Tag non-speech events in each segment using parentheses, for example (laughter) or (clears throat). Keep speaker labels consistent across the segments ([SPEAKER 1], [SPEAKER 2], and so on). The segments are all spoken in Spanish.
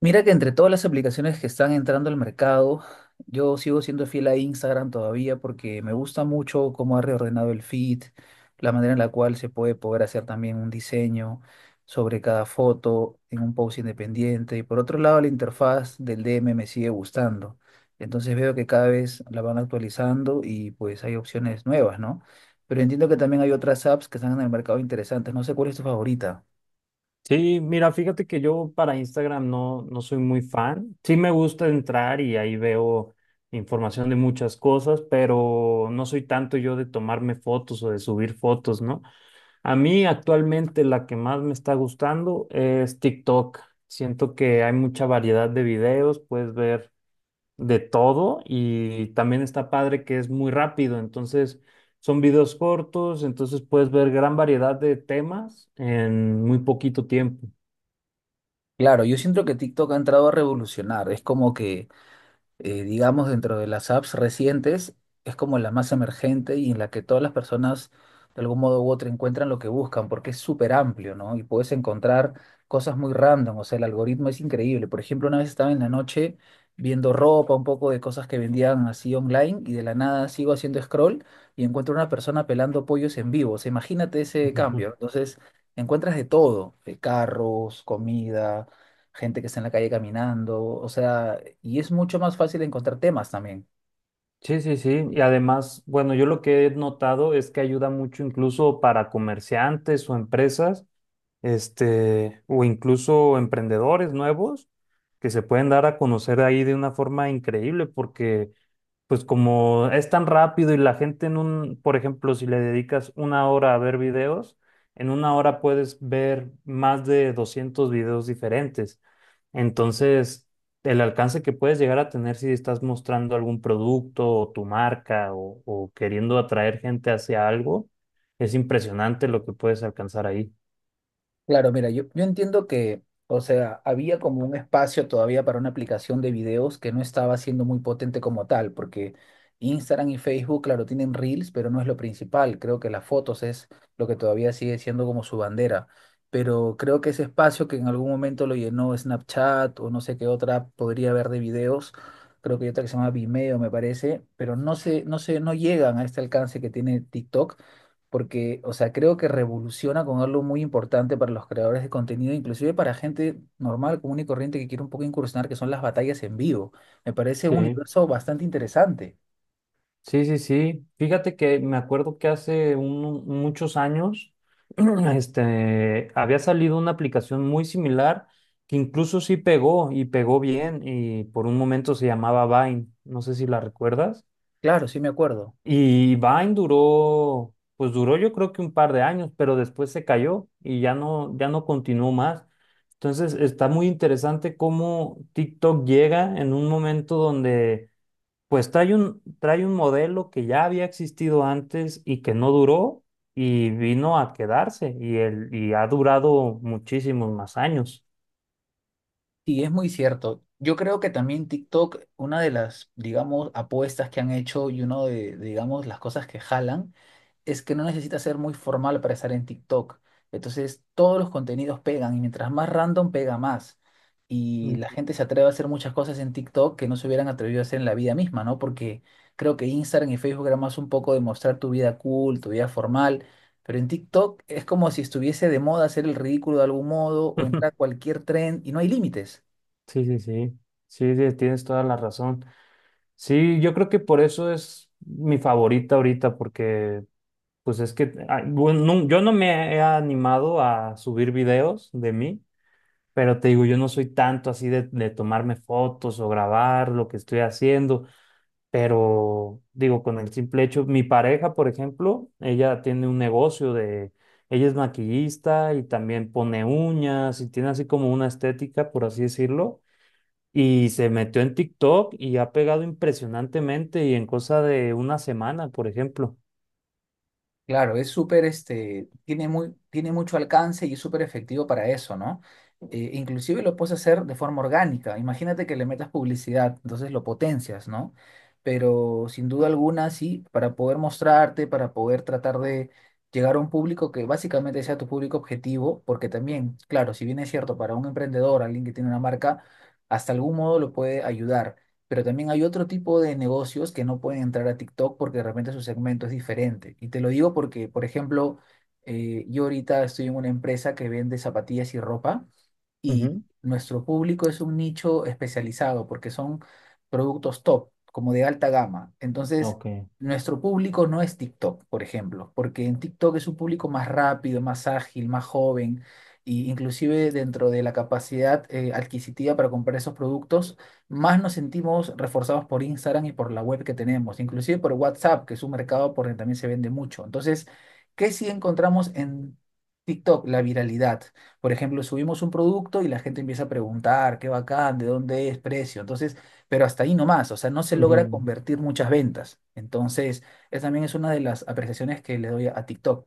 [SPEAKER 1] Mira que entre todas las aplicaciones que están entrando al mercado, yo sigo siendo fiel a Instagram todavía porque me gusta mucho cómo ha reordenado el feed, la manera en la cual se puede poder hacer también un diseño sobre cada foto en un post independiente. Y por otro lado, la interfaz del DM me sigue gustando. Entonces veo que cada vez la van actualizando y pues hay opciones nuevas, ¿no? Pero entiendo que también hay otras apps que están en el mercado interesantes. No sé cuál es tu favorita.
[SPEAKER 2] Sí, mira, fíjate que yo para Instagram no soy muy fan. Sí me gusta entrar y ahí veo información de muchas cosas, pero no soy tanto yo de tomarme fotos o de subir fotos, ¿no? A mí actualmente la que más me está gustando es TikTok. Siento que hay mucha variedad de videos, puedes ver de todo y también está padre que es muy rápido, entonces... Son videos cortos, entonces puedes ver gran variedad de temas en muy poquito tiempo.
[SPEAKER 1] Claro, yo siento que TikTok ha entrado a revolucionar. Es como que digamos, dentro de las apps recientes, es como la más emergente y en la que todas las personas, de algún modo u otro, encuentran lo que buscan, porque es súper amplio, ¿no? Y puedes encontrar cosas muy random, o sea, el algoritmo es increíble. Por ejemplo, una vez estaba en la noche viendo ropa, un poco de cosas que vendían así online, y de la nada sigo haciendo scroll y encuentro una persona pelando pollos en vivo. O sea, imagínate ese
[SPEAKER 2] Ujú.
[SPEAKER 1] cambio. Entonces, encuentras de todo, carros, comida, gente que está en la calle caminando, o sea, y es mucho más fácil encontrar temas también.
[SPEAKER 2] Sí, sí, sí. Y además, bueno, yo lo que he notado es que ayuda mucho incluso para comerciantes o empresas, o incluso emprendedores nuevos que se pueden dar a conocer ahí de una forma increíble, porque pues como es tan rápido y la gente por ejemplo, si le dedicas una hora a ver videos, en una hora puedes ver más de 200 videos diferentes. Entonces, el alcance que puedes llegar a tener si estás mostrando algún producto o tu marca o queriendo atraer gente hacia algo, es impresionante lo que puedes alcanzar ahí.
[SPEAKER 1] Claro, mira, yo entiendo que, o sea, había como un espacio todavía para una aplicación de videos que no estaba siendo muy potente como tal, porque Instagram y Facebook, claro, tienen Reels, pero no es lo principal. Creo que las fotos es lo que todavía sigue siendo como su bandera. Pero creo que ese espacio que en algún momento lo llenó Snapchat o no sé qué otra app podría haber de videos, creo que hay otra que se llama Vimeo, me parece, pero no sé, no llegan a este alcance que tiene TikTok porque, o sea, creo que revoluciona con algo muy importante para los creadores de contenido, inclusive para gente normal, común y corriente que quiere un poco incursionar, que son las batallas en vivo. Me parece un
[SPEAKER 2] Sí.
[SPEAKER 1] universo bastante interesante.
[SPEAKER 2] Sí, sí, sí. Fíjate que me acuerdo que muchos años, (clears throat) este, había salido una aplicación muy similar que incluso sí pegó y pegó bien y por un momento se llamaba Vine. No sé si la recuerdas.
[SPEAKER 1] Claro, sí me acuerdo.
[SPEAKER 2] Y Vine duró, pues duró yo creo que un par de años, pero después se cayó y ya no continuó más. Entonces está muy interesante cómo TikTok llega en un momento donde pues trae un modelo que ya había existido antes y que no duró y vino a quedarse y ha durado muchísimos más años.
[SPEAKER 1] Sí, es muy cierto. Yo creo que también TikTok, una de las, digamos, apuestas que han hecho y uno de, digamos, las cosas que jalan es que no necesita ser muy formal para estar en TikTok. Entonces, todos los contenidos pegan y mientras más random pega más. Y la
[SPEAKER 2] Mm.
[SPEAKER 1] gente se atreve a hacer muchas cosas en TikTok que no se hubieran atrevido a hacer en la vida misma, ¿no? Porque creo que Instagram y Facebook era más un poco de mostrar tu vida cool, tu vida formal, pero en TikTok es como si estuviese de moda hacer el ridículo de algún modo o
[SPEAKER 2] (laughs)
[SPEAKER 1] entrar a cualquier tren y no hay límites.
[SPEAKER 2] Sí, sí, sí, sí, sí, tienes toda la razón. Sí, yo creo que por eso es mi favorita ahorita porque pues es que bueno, yo no me he animado a subir videos de mí, pero te digo, yo no soy tanto así de tomarme fotos o grabar lo que estoy haciendo. Pero digo, con el simple hecho, mi pareja, por ejemplo, ella tiene un negocio de, ella es maquillista y también pone uñas y tiene así como una estética, por así decirlo, y se metió en TikTok y ha pegado impresionantemente y en cosa de una semana, por ejemplo.
[SPEAKER 1] Claro, es súper, tiene mucho alcance y es súper efectivo para eso, ¿no? Inclusive lo puedes hacer de forma orgánica. Imagínate que le metas publicidad, entonces lo potencias, ¿no? Pero sin duda alguna, sí, para poder mostrarte, para poder tratar de llegar a un público que básicamente sea tu público objetivo, porque también, claro, si bien es cierto para un emprendedor, alguien que tiene una marca, hasta algún modo lo puede ayudar. Pero también hay otro tipo de negocios que no pueden entrar a TikTok porque de repente su segmento es diferente. Y te lo digo porque, por ejemplo, yo ahorita estoy en una empresa que vende zapatillas y ropa y
[SPEAKER 2] Ujú.
[SPEAKER 1] nuestro público es un nicho especializado porque son productos top, como de alta gama. Entonces,
[SPEAKER 2] Ok.
[SPEAKER 1] nuestro público no es TikTok, por ejemplo, porque en TikTok es un público más rápido, más ágil, más joven, e inclusive dentro de la capacidad adquisitiva para comprar esos productos, más nos sentimos reforzados por Instagram y por la web que tenemos, inclusive por WhatsApp, que es un mercado por donde también se vende mucho. Entonces, ¿qué sí encontramos en TikTok? La viralidad. Por ejemplo, subimos un producto y la gente empieza a preguntar, qué bacán, de dónde es, precio. Entonces, pero hasta ahí nomás, o sea, no se logra
[SPEAKER 2] Ujú.
[SPEAKER 1] convertir muchas ventas. Entonces, esa también es una de las apreciaciones que le doy a TikTok.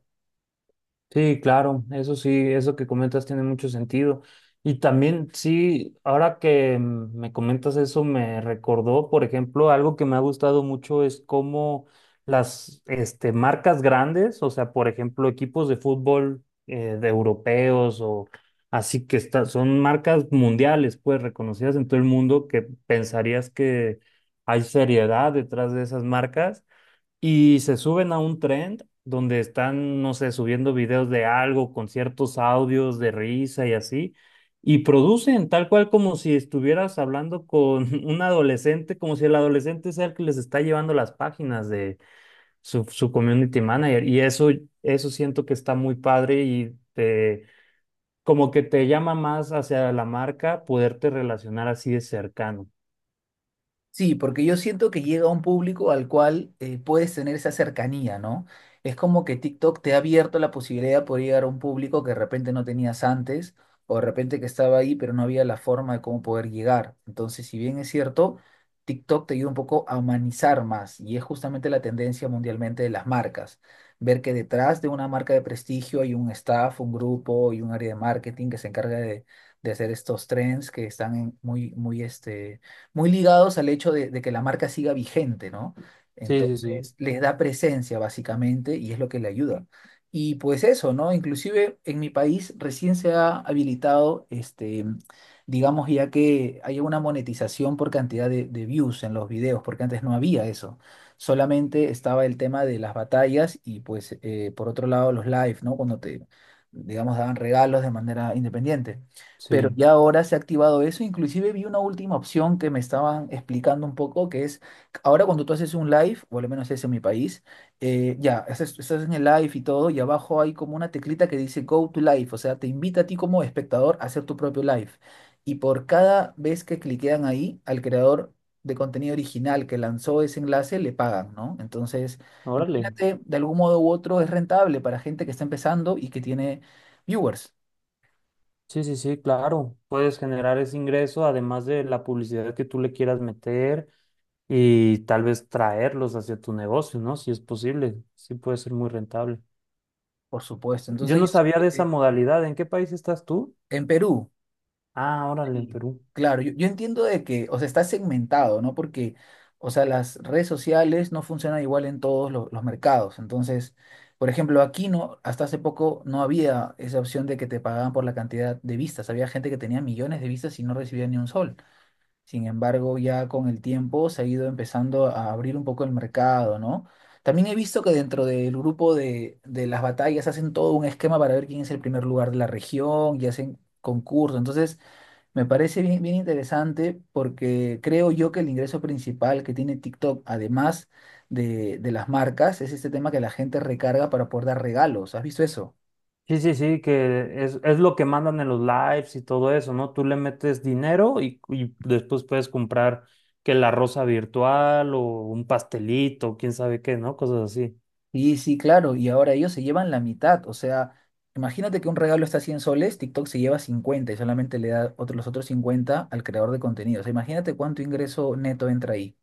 [SPEAKER 2] Sí, claro, eso sí, eso que comentas tiene mucho sentido. Y también, sí, ahora que me comentas eso, me recordó, por ejemplo, algo que me ha gustado mucho es cómo las marcas grandes, o sea, por ejemplo, equipos de fútbol de europeos o así son marcas mundiales, pues reconocidas en todo el mundo, que pensarías que hay seriedad detrás de esas marcas y se suben a un trend donde están, no sé, subiendo videos de algo con ciertos audios de risa y así, y producen tal cual como si estuvieras hablando con (laughs) un adolescente, como si el adolescente sea el que les está llevando las páginas de su community manager. Y eso siento que está muy padre y te, como que te llama más hacia la marca poderte relacionar así de cercano.
[SPEAKER 1] Sí, porque yo siento que llega a un público al cual puedes tener esa cercanía, ¿no? Es como que TikTok te ha abierto la posibilidad de poder llegar a un público que de repente no tenías antes, o de repente que estaba ahí, pero no había la forma de cómo poder llegar. Entonces, si bien es cierto, TikTok te ayuda un poco a humanizar más, y es justamente la tendencia mundialmente de las marcas. Ver que detrás de una marca de prestigio hay un staff, un grupo y un área de marketing que se encarga de hacer estos trends que están muy, muy, muy ligados al hecho de que la marca siga vigente, ¿no?
[SPEAKER 2] Sí, sí, sí,
[SPEAKER 1] Entonces, les da presencia básicamente y es lo que le ayuda. Y pues eso, ¿no? Inclusive en mi país recién se ha habilitado, digamos, ya que hay una monetización por cantidad de views en los videos, porque antes no había eso. Solamente estaba el tema de las batallas y pues por otro lado los live, ¿no? Cuando te, digamos, daban regalos de manera independiente, pero
[SPEAKER 2] sí.
[SPEAKER 1] ya ahora se ha activado eso. Inclusive vi una última opción que me estaban explicando un poco, que es ahora cuando tú haces un live, o al menos es en mi país, ya, estás en el live y todo, y abajo hay como una teclita que dice Go to Live, o sea, te invita a ti como espectador a hacer tu propio live. Y por cada vez que cliquean ahí, al creador de contenido original que lanzó ese enlace, le pagan, ¿no? Entonces,
[SPEAKER 2] Órale.
[SPEAKER 1] imagínate, de algún modo u otro es rentable para gente que está empezando y que tiene viewers.
[SPEAKER 2] Sí, sí, sí, claro. Puedes generar ese ingreso, además de la publicidad que tú le quieras meter y tal vez traerlos hacia tu negocio, ¿no? Si es posible, sí puede ser muy rentable.
[SPEAKER 1] Por supuesto.
[SPEAKER 2] Yo
[SPEAKER 1] Entonces,
[SPEAKER 2] no
[SPEAKER 1] yo
[SPEAKER 2] sabía de
[SPEAKER 1] siento
[SPEAKER 2] esa
[SPEAKER 1] que
[SPEAKER 2] modalidad. ¿En qué país estás tú?
[SPEAKER 1] en Perú,
[SPEAKER 2] Ah, órale, en
[SPEAKER 1] sí,
[SPEAKER 2] Perú.
[SPEAKER 1] claro, yo entiendo de que, o sea, está segmentado, ¿no? Porque, o sea, las redes sociales no funcionan igual en todos los mercados. Entonces, por ejemplo, aquí no, hasta hace poco no había esa opción de que te pagaban por la cantidad de vistas. Había gente que tenía millones de vistas y no recibía ni un sol. Sin embargo, ya con el tiempo se ha ido empezando a abrir un poco el mercado, ¿no? También he visto que dentro del grupo de las batallas hacen todo un esquema para ver quién es el primer lugar de la región y hacen concursos. Entonces, me parece bien, bien interesante porque creo yo que el ingreso principal que tiene TikTok, además de las marcas, es este tema que la gente recarga para poder dar regalos. ¿Has visto eso?
[SPEAKER 2] Sí, sí, sí, que es lo que mandan en los lives y todo eso, ¿no? Tú le metes dinero y después puedes comprar que la rosa virtual o un pastelito, quién sabe qué, ¿no? Cosas así.
[SPEAKER 1] Y sí, claro, y ahora ellos se llevan la mitad. O sea, imagínate que un regalo está a 100 soles, TikTok se lleva 50 y solamente le da los otros 50 al creador de contenido. O sea, imagínate cuánto ingreso neto entra ahí.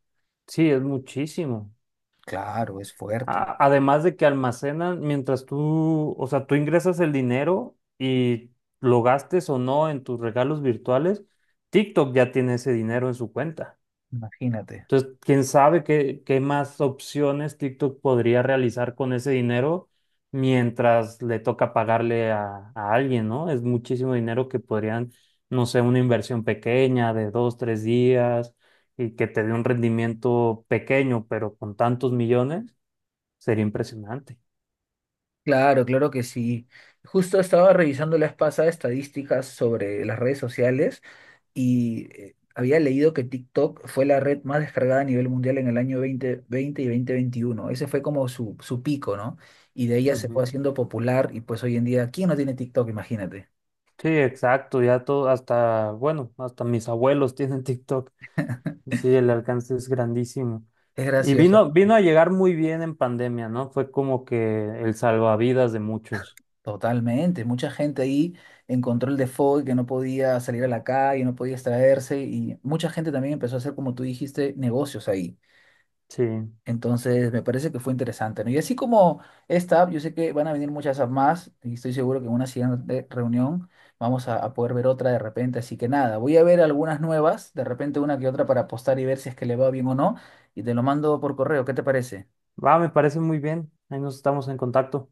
[SPEAKER 2] Sí, es muchísimo.
[SPEAKER 1] Claro, es fuerte.
[SPEAKER 2] A- Además de que almacenan mientras tú, o sea, tú ingresas el dinero y lo gastes o no en tus regalos virtuales, TikTok ya tiene ese dinero en su cuenta.
[SPEAKER 1] Imagínate.
[SPEAKER 2] Entonces, quién sabe qué, qué más opciones TikTok podría realizar con ese dinero mientras le toca pagarle a alguien, ¿no? Es muchísimo dinero que podrían, no sé, una inversión pequeña de dos, tres días y que te dé un rendimiento pequeño, pero con tantos millones. Sería impresionante.
[SPEAKER 1] Claro, claro que sí. Justo estaba revisando la vez pasada estadísticas sobre las redes sociales y había leído que TikTok fue la red más descargada a nivel mundial en el año 2020 y 2021. Ese fue como su pico, ¿no? Y de ella se fue
[SPEAKER 2] Ujú.
[SPEAKER 1] haciendo popular y pues hoy en día, ¿quién no tiene TikTok? Imagínate.
[SPEAKER 2] Sí, exacto, ya todo, hasta, bueno, hasta mis abuelos tienen (laughs) TikTok. Sí, el alcance es grandísimo.
[SPEAKER 1] Es
[SPEAKER 2] Y
[SPEAKER 1] gracioso.
[SPEAKER 2] vino, vino a llegar muy bien en pandemia, ¿no? Fue como que el salvavidas de muchos.
[SPEAKER 1] Totalmente. Mucha gente ahí encontró el default que no podía salir a la calle, no podía extraerse y mucha gente también empezó a hacer, como tú dijiste, negocios ahí.
[SPEAKER 2] Sí.
[SPEAKER 1] Entonces, me parece que fue interesante, ¿no? Y así como esta app, yo sé que van a venir muchas apps más y estoy seguro que en una siguiente reunión vamos a poder ver otra de repente. Así que nada, voy a ver algunas nuevas, de repente una que otra para postar y ver si es que le va bien o no. Y te lo mando por correo, ¿qué te parece?
[SPEAKER 2] Va, me parece muy bien. Ahí nos estamos en contacto.